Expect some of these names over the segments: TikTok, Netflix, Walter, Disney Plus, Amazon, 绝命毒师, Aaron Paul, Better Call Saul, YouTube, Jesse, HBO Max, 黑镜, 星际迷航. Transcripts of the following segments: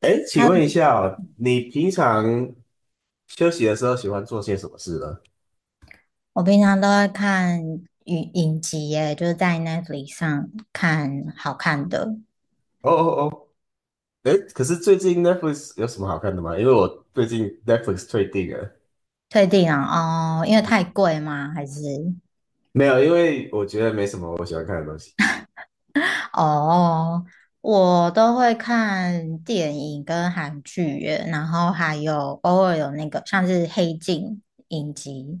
哎，请问一 h 下哦你平常休息的时候喜欢做些什么事呢？我平常都会看影集耶，就是在 Netflix 上看好看的。哦哦哦，哎，可是最近 Netflix 有什么好看的吗？因为我最近 Netflix 退订了。退订啊，哦，因为嗯 太 贵吗？还是没有，因为我觉得没什么我喜欢看的东西。哦，我都会看电影跟韩剧耶，然后还有偶尔有那个像是《黑镜》影集，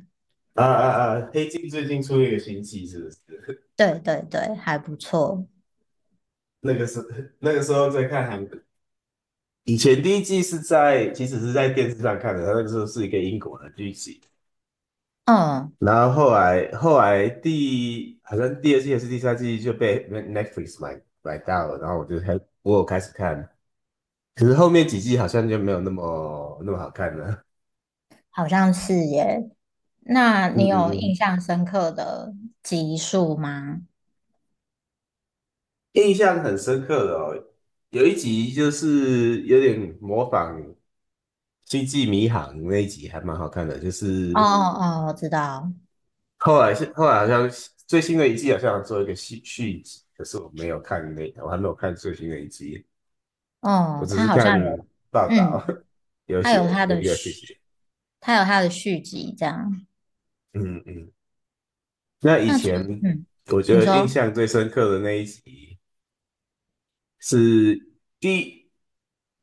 啊啊啊！黑镜最近出一个新季，是不是？对对对，还不错。那个是那个时候在看韩国，以前第一季其实是在电视上看的，它那个时候是一个英国的剧集，嗯，然后后来好像第二季还是第三季就被 Netflix 买到了，然后我有开始看，可是后面几季好像就没有那么好看了。好像是耶。那嗯你有嗯印嗯，象深刻的集数吗？印象很深刻的哦，有一集就是有点模仿《星际迷航》那一集还蛮好看的，就哦是哦哦，我知道。后来好像最新的一季好像做一个续集，可是我没有看那，我还没有看最新的一集。我哦，只他是好看像有，报道 嗯，他有他有的一个去续，写，他有他的续集这样。嗯嗯。那以那除，前嗯，我觉你得印说，象最深刻的那一集是第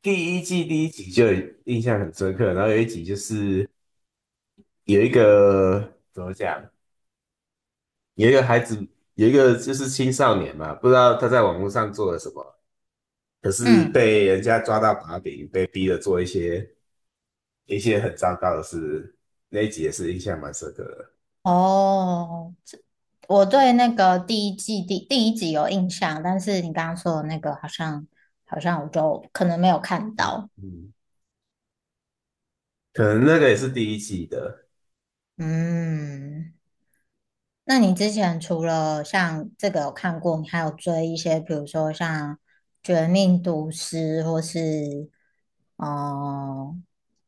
第一季第一集就印象很深刻，然后有一集就是有一个怎么讲，有一个孩子有一个就是青少年嘛，不知道他在网络上做了什么，可是嗯，被人家抓到把柄，被逼着做一些很糟糕的事，那一集也是印象蛮深刻的。哦，这我对那个第一季第一集有印象，但是你刚刚说的那个好像我就可能没有看到，嗯。可能那个也是第一季的，嗯。那你之前除了像这个有看过，你还有追一些，比如说像《绝命毒师》或是哦、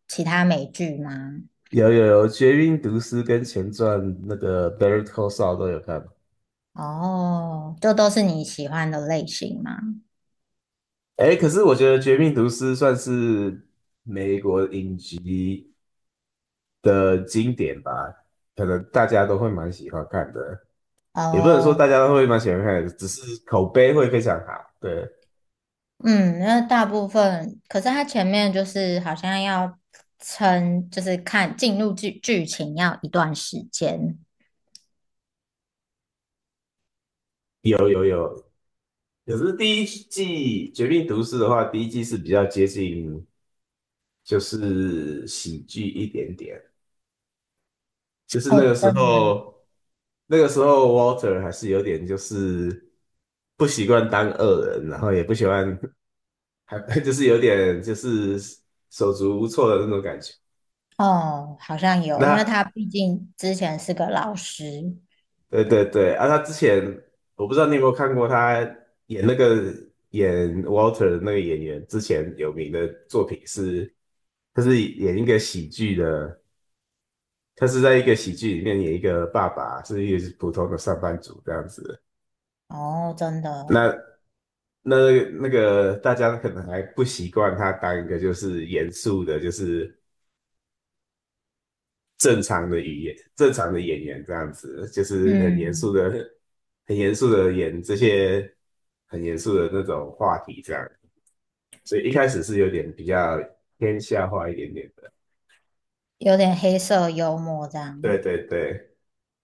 其他美剧吗？有有有，《绝命毒师》跟前传那个《Better Call s a u 都有看。哦，就都是你喜欢的类型吗？哎，可是我觉得《绝命毒师》算是美国影集的经典吧，可能大家都会蛮喜欢看的，也不能说哦，大家都会蛮喜欢看的只是口碑会非常好。对，嗯，那大部分，可是它前面就是好像要撑，就是看进入剧情要一段时间。可是第一季《绝命毒师》的话，第一季是比较接近就是喜剧一点点。就是那个哦，时真的候，那个时候 Walter 还是有点就是不习惯当恶人，然后也不喜欢，还 就是有点就是手足无措的那种感觉。哦，好像有，那因为他毕竟之前是个老师。对对对，啊，他之前我不知道你有没有看过他演那个演 Walter 的那个演员之前有名的作品是，他是演一个喜剧的，他是在一个喜剧里面演一个爸爸，是一个普通的上班族这样子。哦，真的哦，那那那个大家可能还不习惯他当一个就是严肃的，就是正常的语言、正常的演员这样子，就是很严嗯，肃的、很严肃的演这些很严肃的那种话题这样。所以一开始是有点比较偏笑话一点点的。有点黑色幽默这对样。对对，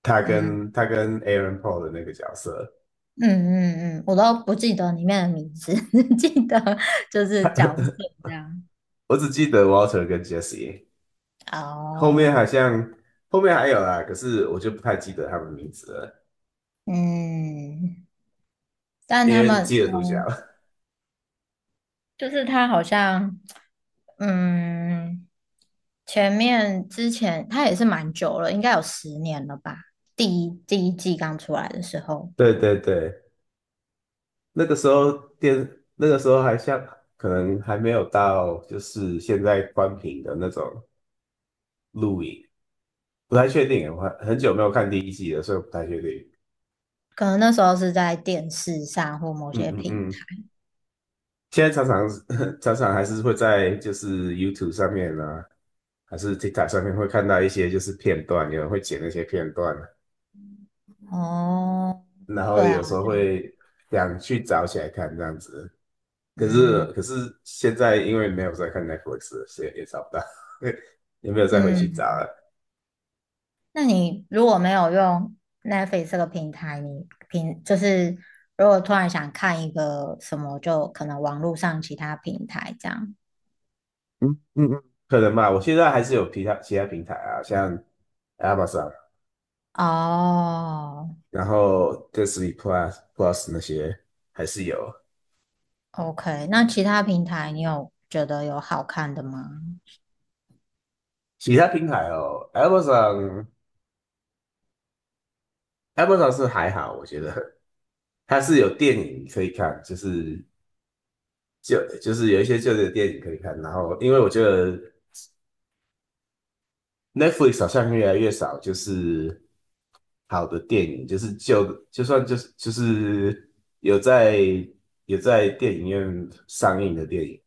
嗯他跟 Aaron Paul 的那个角色，嗯嗯嗯，我都不记得里面的名字，只记得就是角色这样。我只记得 Walter 跟 Jesse，后面哦，好像后面还有啦，可是我就不太记得他们名字了，嗯，但因他为只们，记得主角。嗯，就是他好像，嗯，前面之前他也是蛮久了，应该有十年了吧？第一季刚出来的时候，对对对，那个时候电，那个时候还像可能还没有到就是现在关屏的那种录影，不太确定，我还很久没有看第一季了，所以我不太确定。可能那时候是在电视上或某嗯些嗯平嗯，现在常常 常常还是会在就是 YouTube 上面啊，还是 TikTok 上面会看到一些就是片段，有人会剪那些片段，哦，然后对有啊，时候会想去找起来看这样子。可是嗯可是现在因为没有在看 Netflix 了所以也找不到，也没有再回去找嗯，了。那你如果没有用 Netflix 这个平台，你平就是如果突然想看一个什么，就可能网络上其他平台这样。嗯嗯嗯，可能吧，我现在还是有其他平台啊，像 Amazon，哦然后 Disney Plus 那些还是有，OK，那其他平台你有觉得有好看的吗？其他平台哦。Amazon 是还好，我觉得它是有电影可以看，就是有一些旧的电影可以看。然后因为我觉得 Netflix 好像越来越少，就是好的电影，就是就算有在电影院上映的电影，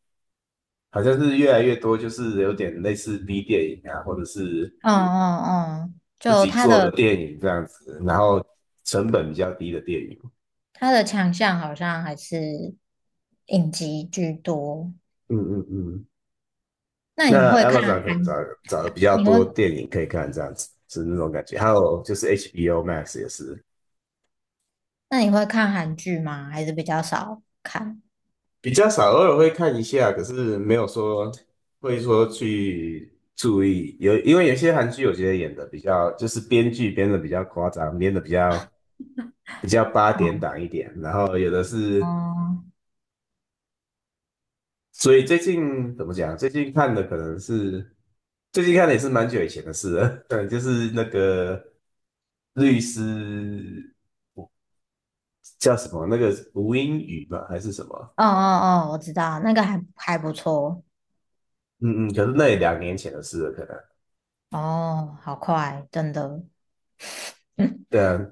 好像是越来越多，就是有点类似 B 电影啊，或者是嗯嗯嗯，自就己它做的的电影这样子，然后成本比较低的电影。它的强项好像还是影集居多。嗯嗯嗯，那你那 会看，Amazon 可能找的比较你会多电影可以看，这样子是那种感觉。还有就是 HBO Max 也是，那你会看韩剧吗？还是比较少看？比较少，偶尔会看一下，可是没有说会说去注意。有，因为有些韩剧我觉得演的比较，就是编剧编的比较夸张，编的比较八点档一点，然后有的是，哦，所以最近怎么讲？最近看的也是蛮久以前的事了，对，就是那个律师叫什么？那个吴英语吧，还是什么？哦哦哦，我知道，那个还不错。嗯嗯，可是那也2年前的事了，可能。哦，好快，真的。嗯对啊，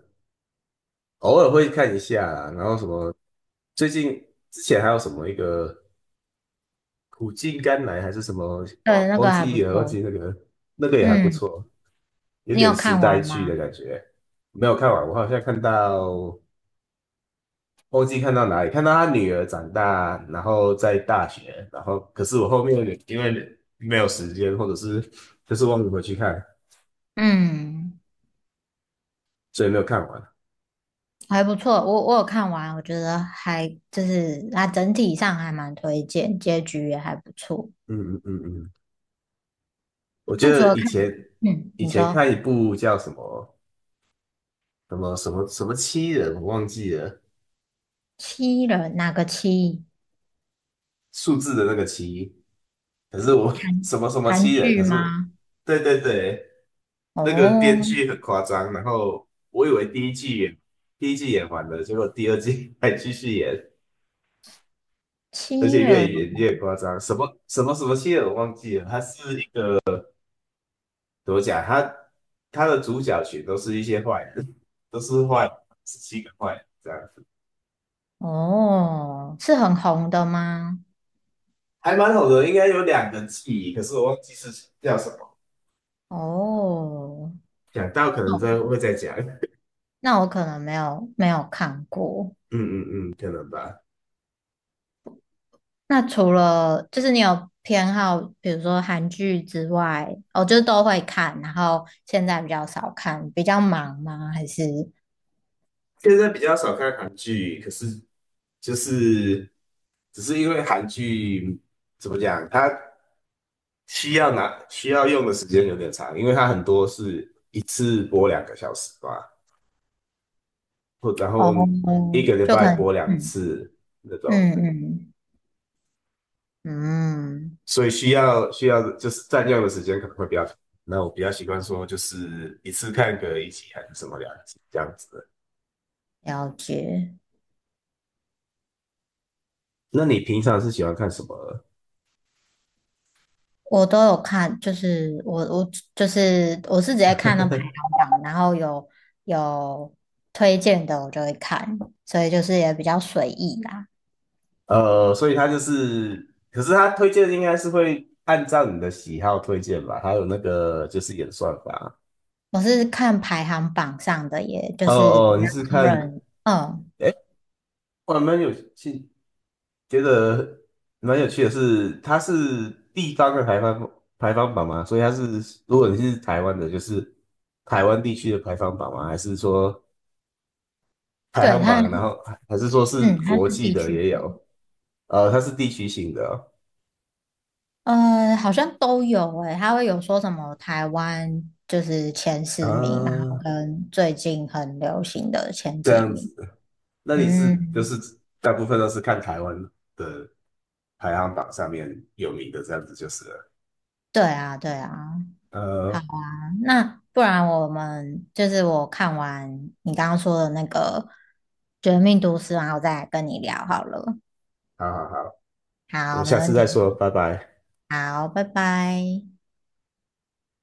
偶尔会看一下啦然后什么，最近之前还有什么一个苦尽甘来还是什么，对，那忘个还不记了，忘记错。那个也还不嗯，错，有你有点时看代完剧吗？的感觉。没有看完，我好像看到忘记看到哪里，看到他女儿长大，然后在大学，然后可是我后面因为没有时间，或者是就是忘记回去看，嗯，所以没有看完。还不错。我有看完，我觉得还就是它整体上还蛮推荐，结局也还不错。嗯嗯嗯嗯，我觉那除得了以看，前嗯，你说看一部叫什么什么七人，我忘记了七人哪个七？数字的那个七，可是我 什么什么韩七人，可剧是吗？对对对，那个编哦，剧很夸张，然后我以为第一季演完了，结果第二季 还继续演，而七且越人演越夸张，什么什么七人我忘记了，他是一个怎么讲，他的主角群都是一些坏人，都是坏人，是七个坏人这样子，哦，是很红的吗？还蛮好的，应该有两个记忆，可是我忘记是叫什么。哦，讲到可能再哦会再讲，嗯那我可能没有看过。嗯嗯，可能吧。那除了就是你有偏好，比如说韩剧之外，哦，就是都会看，然后现在比较少看，比较忙吗？还是现在比较少看韩剧，可是就是只是因为韩剧怎么讲，它需要用的时间有点长，因为它很多是一次播2个小时吧，或然后哦，一个礼就可拜能播两嗯次那种，嗯嗯嗯，所以需要就是占用的时间可能会比较长。那我比较习惯说就是一次看个一集还是什么两集这样子的。了解。那你平常是喜欢看什么？我都有看，就是我就是我是直接看那排行榜，然后有推荐的我就会看，所以就是也比较随意啦。所以他就是，可是他推荐应该是会按照你的喜好推荐吧，还有那个就是演算法。我是看排行榜上的，也就哦是比哦，你较是多看，人，嗯，哎，我还蛮有趣，觉得蛮有趣的是，它是地方的排放榜吗？所以它是，如果你是台湾的，就是台湾地区的排行榜吗？还是说排对，行榜，然后还是说是它国是际地的区也的，有？它是地区性的哦呃，好像都有诶、它会有说什么台湾就是前十名，然后啊，跟最近很流行的前这几样名，子。那你是就嗯，是大部分都是看台湾的排行榜上面有名的这样子就是了。对啊，对啊。好呃，啊，那不然我们就是我看完你刚刚说的那个《绝命毒师》，然后再来跟你聊好了。好好好，我好，们没下次问再说，题。拜拜。好，拜拜。